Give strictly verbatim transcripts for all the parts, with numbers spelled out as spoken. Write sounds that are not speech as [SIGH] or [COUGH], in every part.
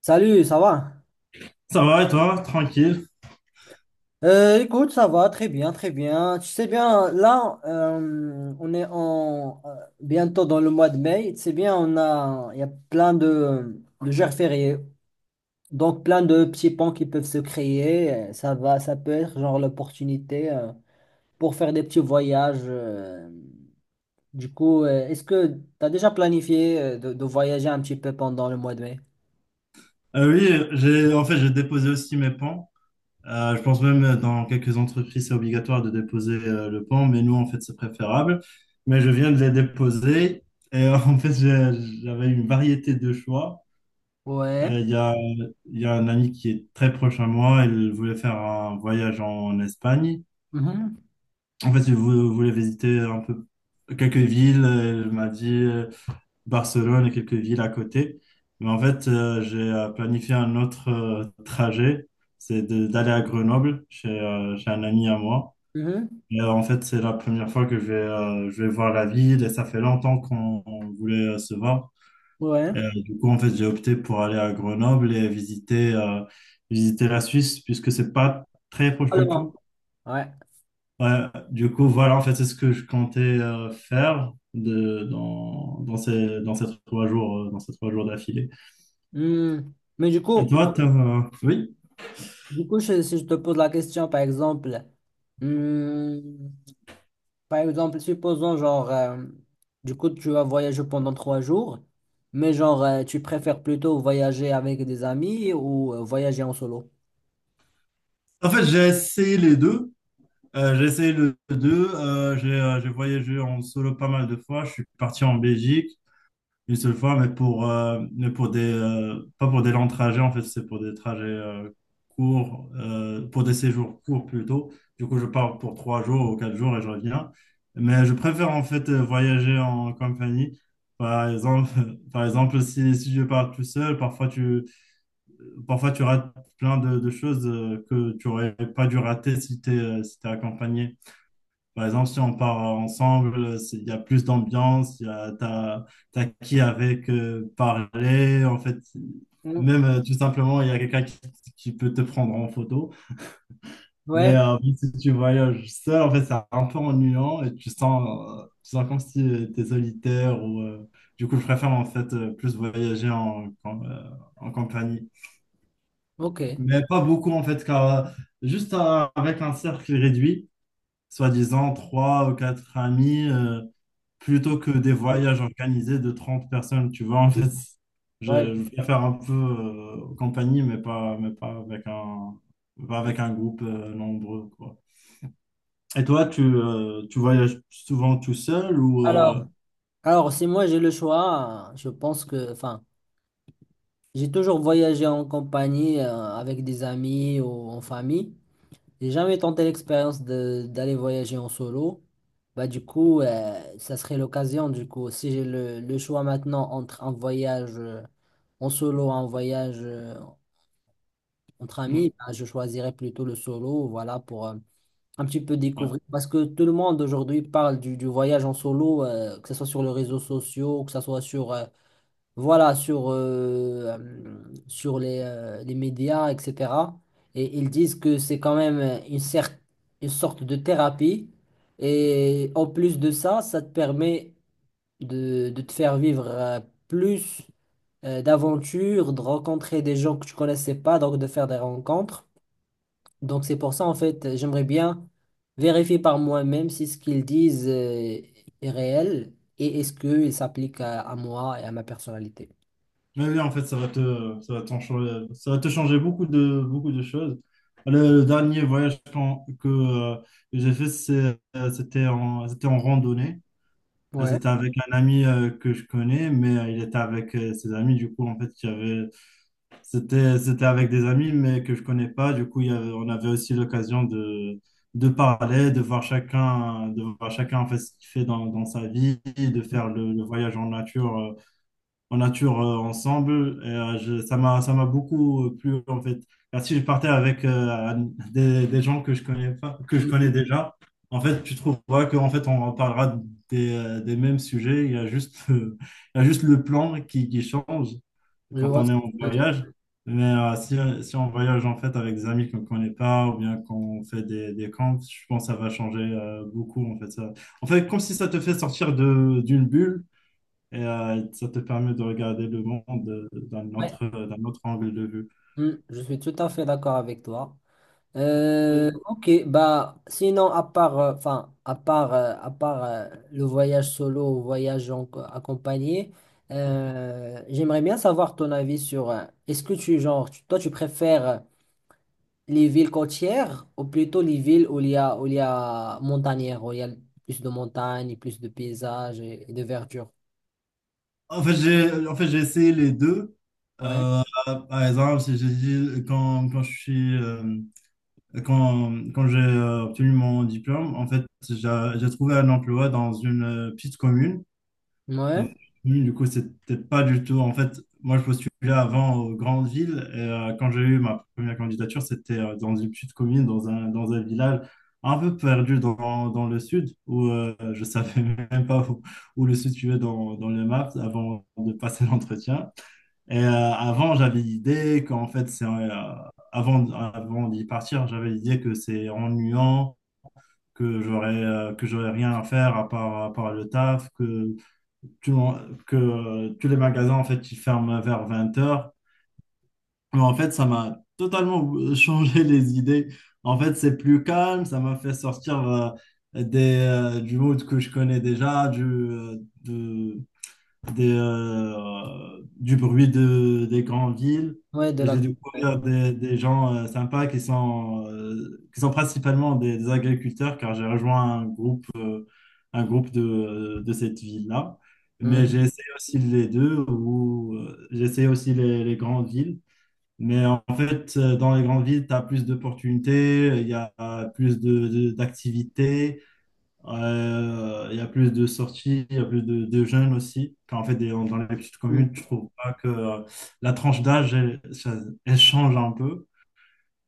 Salut, ça va? Ça va et toi? Tranquille. Euh, écoute, ça va très bien, très bien. Tu sais bien, là, euh, on est en, euh, bientôt dans le mois de mai. Tu sais bien, on a, il y a plein de, de jours fériés, donc plein de petits ponts qui peuvent se créer. Euh, Ça va, ça peut être genre l'opportunité euh, pour faire des petits voyages. euh. Du coup, euh, est-ce que tu as déjà planifié euh, de, de voyager un petit peu pendant le mois de mai? Euh, oui, j'ai en fait j'ai déposé aussi mes pans. Euh, je pense même euh, dans quelques entreprises c'est obligatoire de déposer euh, le pan, mais nous en fait c'est préférable. Mais je viens de les déposer et euh, [LAUGHS] en fait j'ai- j'avais une variété de choix. Ouais. Euh, Il y a, il y a un ami qui est très proche à moi, il voulait faire un voyage en Espagne. Mhm. En fait, il vou- voulait visiter un peu quelques villes. euh, Il m'a dit. euh, Barcelone et quelques villes à côté. Mais en fait, euh, j'ai euh, planifié un autre euh, trajet, c'est de- d'aller à Grenoble chez, euh, chez un ami à moi. Mhm. Et, euh, en fait, c'est la première fois que je vais, euh, je vais voir la ville et ça fait longtemps qu'on on voulait euh, se voir. Ouais. Et, euh, du coup, en fait, j'ai opté pour aller à Grenoble et visiter, euh, visiter la Suisse puisque c'est pas très proche du Alors, tout. ouais. Ouais, du coup, voilà, en fait, c'est ce que je comptais euh, faire de, dans, dans ces, dans ces trois jours, euh, dans ces trois jours d'affilée. Hmm. Mais du Et coup, toi, t'as... Oui. du coup, je- si je te pose la question, par exemple, hmm, par exemple, supposons genre, euh, du coup, tu vas voyager pendant trois jours, mais genre, euh, tu préfères plutôt voyager avec des amis ou euh, voyager en solo? En fait, j'ai essayé les deux. Euh, j'ai essayé les deux. Euh, j'ai euh, j'ai voyagé en solo pas mal de fois. Je suis parti en Belgique une seule fois, mais pour, euh, mais pour des... euh, pas pour des longs trajets, en fait, c'est pour des trajets euh, courts, euh, pour des séjours courts plutôt. Du coup, je pars pour trois jours ou quatre jours et je reviens. Mais je préfère en fait euh, voyager en compagnie. Par exemple, [LAUGHS] par exemple si, si je pars tout seul, parfois tu... Parfois, tu rates plein de, de choses euh, que tu aurais pas dû rater si tu es, accompagné. Par exemple, si on part ensemble, euh, c'est- il y a plus d'ambiance, il y a, t'as, t'as qui avec euh, parler. En fait, Hmm. même euh, tout simplement, il y a quelqu'un qui, qui peut te prendre en photo. Mais Ouais, euh, si tu voyages seul, en fait, c'est un peu ennuyant et tu sens, euh, tu sens comme si tu es solitaire. Ou, euh, du coup, je préfère en fait euh, plus voyager en, en, euh, en compagnie. ok. Mais pas beaucoup en fait, car euh, juste à- avec un cercle réduit, soi-disant trois ou quatre amis, euh, plutôt que des voyages organisés de trente personnes, tu vois, en fait, Ouais. je, je préfère un peu euh, compagnie, mais pas, mais pas avec un, pas avec un groupe euh, nombreux, quoi. Et toi, tu, euh, tu voyages souvent tout seul ou... Alors, euh, alors, si moi j'ai le choix, je pense que, enfin, j'ai toujours voyagé en compagnie, euh, avec des amis ou en famille. J'ai jamais tenté l'expérience de d'aller voyager en solo. Bah du coup, euh, ça serait l'occasion du coup. Si j'ai le, le choix maintenant entre un voyage euh, en solo, un voyage euh, entre Ouais. amis, bah, je choisirais plutôt le solo, voilà, pour euh, un petit peu découvrir. Parce que tout le monde aujourd'hui parle du, du voyage en solo, euh, que ce soit sur les réseaux sociaux, que ce soit sur euh, voilà, sur, euh, euh, sur les, euh, les médias, et cætera. Et ils disent que c'est quand même une, cer- une sorte de thérapie. Et en plus de ça, ça te permet de, de te faire vivre euh, plus euh, d'aventures, de rencontrer des gens que tu connaissais pas, donc de faire des rencontres. Donc c'est pour ça, en fait, j'aimerais bien vérifier par moi-même si ce qu'ils disent euh, est réel et est-ce qu'il s'applique à à moi et à ma personnalité. Mais oui, en fait, ça va te, ça va t'en changer, ça va te changer beaucoup de, beaucoup de choses. Le, le dernier voyage qu'en- que, euh, que j'ai fait, c'est, euh, c'était en, c'était en randonnée. Là, Ouais. C'était avec un ami euh, que je connais, mais euh, il était avec euh, ses amis. Du coup, en fait, il y avait, c'était, c'était avec des amis, mais que je connais pas. Du coup, il y avait- on avait aussi l'occasion de, de parler, de voir chacun, de voir chacun en fait, ce qu'il fait dans, dans sa vie, de faire le, le voyage en nature euh, en nature euh, ensemble. Et, euh, je- ça m'a, ça m'a beaucoup euh, plu en fait. Car si je partais avec euh, des, des gens que je connais pas, que je connais Mm, déjà, en fait, tu trouveras qu'en fait, on reparlera des, euh, des mêmes sujets. Il y a juste, [LAUGHS] euh, il y a juste le plan qui, qui change mm, je quand vois on ce est que tu en veux dire. voyage. Mais euh, si, si on voyage en fait avec des amis qu'on ne connaît pas ou bien qu'on fait des, des camps, je pense que ça va changer euh, beaucoup en fait ça. En fait, comme si ça te fait sortir de d'une bulle et euh, ça te permet de regarder le monde euh, d'un Ouais, autre, euh, d'un autre angle de vue. mm, je suis tout à fait d'accord avec toi. Euh, Euh, Ok, bah sinon à part, euh, enfin à part, euh, à part euh, le voyage solo ou voyage en- accompagné, euh, j'aimerais bien savoir ton avis sur. Euh, est-ce que tu genre, tu- toi tu préfères euh, les villes côtières ou plutôt les villes où il y a où il y a montagnères, où il y a plus de montagnes, et plus de paysages et, et de verdure. En fait, j'ai, en fait, j'ai essayé les deux. Ouais, Euh, par exemple, si j'ai dit quand, quand je suis euh, quand, quand j'ai euh, obtenu mon diplôme, en fait, j'ai j'ai trouvé un emploi dans une euh, petite commune. Donc, ouais, oui, du coup, c'est peut-être pas du tout. En fait, moi, je postulais avant aux grandes villes. Et, euh, quand j'ai eu ma première candidature, c'était euh, dans une petite commune, dans un, dans un village un peu perdu dans, dans le sud, où euh, je savais [LAUGHS] même pas où, où le sud suivait dans, dans les maps avant de passer [LAUGHS] l'entretien. Et euh, avant, j'avais l'idée qu'en fait, c'est euh, avant, avant d'y partir, j'avais l'idée que c'est ennuyant, que j'aurais euh, que j'aurais rien à faire à part, à part le taf, que tu m'en- que tous les magasins en fait ils ferment vers 20 heures. Mais en fait, ça m'a totalement [LAUGHS] changé les idées. En fait, c'est plus calme, ça m'a fait sortir euh, des, euh, du mood que je connais déjà, du, euh, de- des, euh, du bruit de, des grandes villes. ouais, de Et la. j'ai Ouais. découvert des, des gens euh, sympas qui sont, euh, qui sont principalement des, des agriculteurs, car j'ai rejoint un groupe euh, un groupe de, de cette ville-là. Mais j'ai Mm. essayé aussi les deux, ou euh, j'ai essayé aussi les, les grandes villes. Mais en fait, euh, dans les grandes villes, tu as plus d'opportunités, il y a plus de, de- d'activités, euh, il y a plus de sorties, il y a plus de, de jeunes aussi. Quand, en fait, des- dans les petites communes, Mm. je trouve pas que euh, la tranche d'âge, elle, ça- elle change un peu.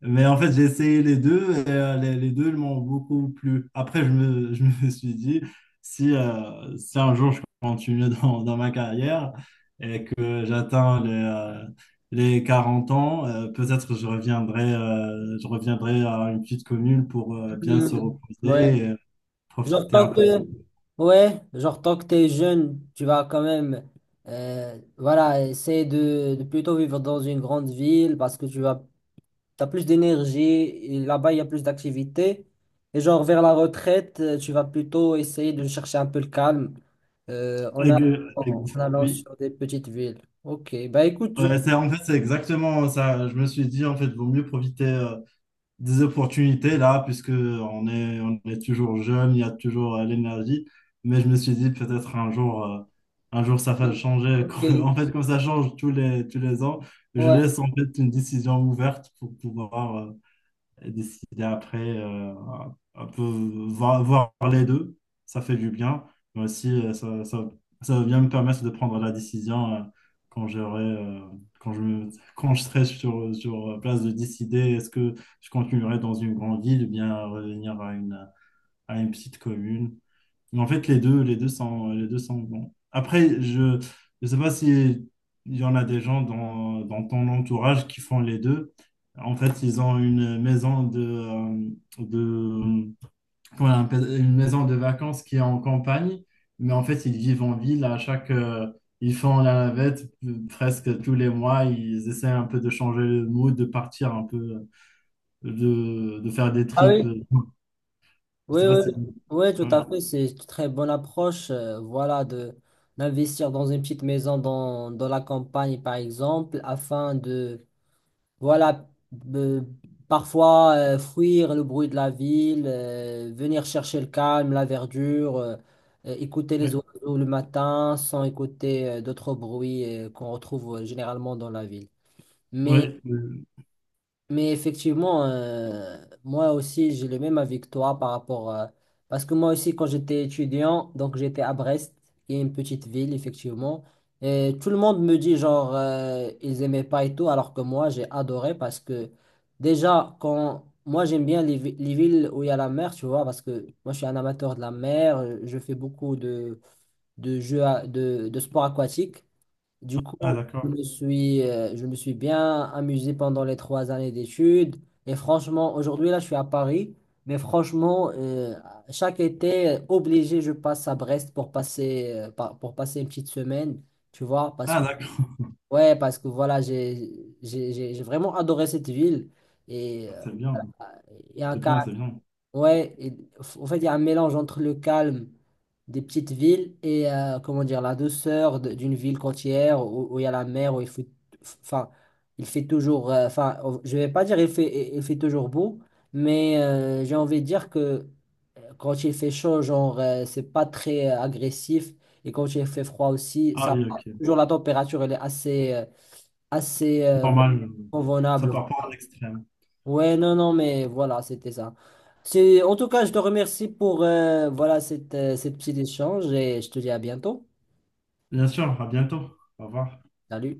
Mais en fait, j'ai essayé les deux et euh, les, les deux m'ont beaucoup plu. Après, je me, [LAUGHS] je me suis dit, si, euh, si un jour je continue [LAUGHS] dans, dans ma carrière et que j'atteins les, euh, les quarante ans, euh, peut-être je reviendrai, euh, je reviendrai à une petite commune pour euh, bien se Hmm, ouais. reposer et Genre, profiter un tant peu. que, ouais, genre, tant que t'es jeune, tu vas quand même, euh, voilà, essayer de, de plutôt vivre dans une grande ville parce que tu vas, t'as plus d'énergie, et là-bas, il y a plus d'activité. Et genre, vers la retraite, euh, tu vas plutôt essayer de chercher un peu le calme, euh, en, a- Ex- en ex- allant Oui, sur des petites villes. Ok, bah écoute, je... Ouais, c'est, en fait, c'est exactement ça. Je me suis dit, en fait, vaut mieux profiter. euh, des opportunités là, puisque on est, on est toujours jeune, il y a toujours euh, l'énergie. Mais je me suis dit peut-être un jour, euh, un jour ça va changer. [LAUGHS] Ok, Quand- En fait, comme ça change tous les, tous les ans, je ouais. laisse en fait une décision ouverte pour pouvoir euh, et décider après euh, un peu voir, voir les deux. Ça fait du bien, mais aussi euh, ça, ça, ça va bien me permettre de prendre la décision euh, quand j'aurai, euh, quand je me, quand je serai sur, sur place de décider est-ce que je continuerai dans une grande ville ou bien revenir à une, à une petite commune. Mais En fait, les deux, les deux sont, les deux sont bons. Après, je ne sais pas si il y en a des gens dans, dans ton entourage qui font les deux. En fait, ils ont une maison de, euh, de comment on appelle- une maison de vacances qui est en campagne, mais en fait, ils vivent en ville. À chaque, euh, ils font la navette euh, presque tous les mois. Ils essaient un peu de changer le mood, de partir un peu, euh, de, de faire des Ah trips. oui? Je Oui, sais pas oui, si. oui, tout Ouais, à fait. C'est une très bonne approche, euh, voilà, de d'investir dans une petite maison dans, dans la campagne, par exemple, afin de, voilà, de- parfois euh, fuir le bruit de la ville, euh, venir chercher le calme, la verdure, euh, euh, écouter les ouais, oiseaux le matin sans écouter euh, d'autres bruits euh, qu'on retrouve euh, généralement dans la ville. Mais ouais, euh, mais effectivement, euh, moi aussi, j'ai le même avis que toi par rapport. Euh, parce que moi aussi, quand j'étais étudiant, donc j'étais à Brest, qui est une petite ville, effectivement. Et tout le monde me dit, genre, euh, ils aimaient pas et tout, alors que moi, j'ai adoré parce que déjà, quand. Moi, j'aime bien les, vi- les villes où il y a la mer, tu vois, parce que moi, je suis un amateur de la mer, euh, je fais beaucoup de, de jeux, à- de, de sports aquatiques. Du Ah, coup, je d'accord. me suis, euh, je me suis bien amusé pendant les trois années d'études. Et franchement, aujourd'hui, là, je suis à Paris. Mais franchement, euh, chaque été, euh, obligé, je passe à Brest pour passer, euh, pa- pour passer une petite semaine. Tu vois, parce Ah, que, d'accord. ouais, parce que voilà, j'ai, j'ai, j'ai j'ai vraiment adoré cette ville. Et Ah, euh, c'est bien. il y a C'est un... bien, c'est bien. Ouais, et f- en fait, il y a un mélange entre le calme des petites villes et euh, comment dire la douceur de- d'une ville côtière où où il y a la mer, où il faut, enfin, il fait toujours, euh, enfin, on- je vais pas dire il fait, il il fait toujours beau, mais euh, j'ai envie de dire que euh, quand il fait chaud, genre, euh, c'est pas très euh, agressif et quand il fait froid aussi, ça, Ah oui, va. ok. toujours la température elle est assez, euh, assez euh, Normal. euh, Ça convenable. part pas en extrême. Ouais, non, non, mais voilà, c'était ça. C'est, en tout cas, je te remercie pour euh, voilà, cette, euh, cette petite échange et je te dis à bientôt. Bien sûr, à bientôt. Au revoir. Salut.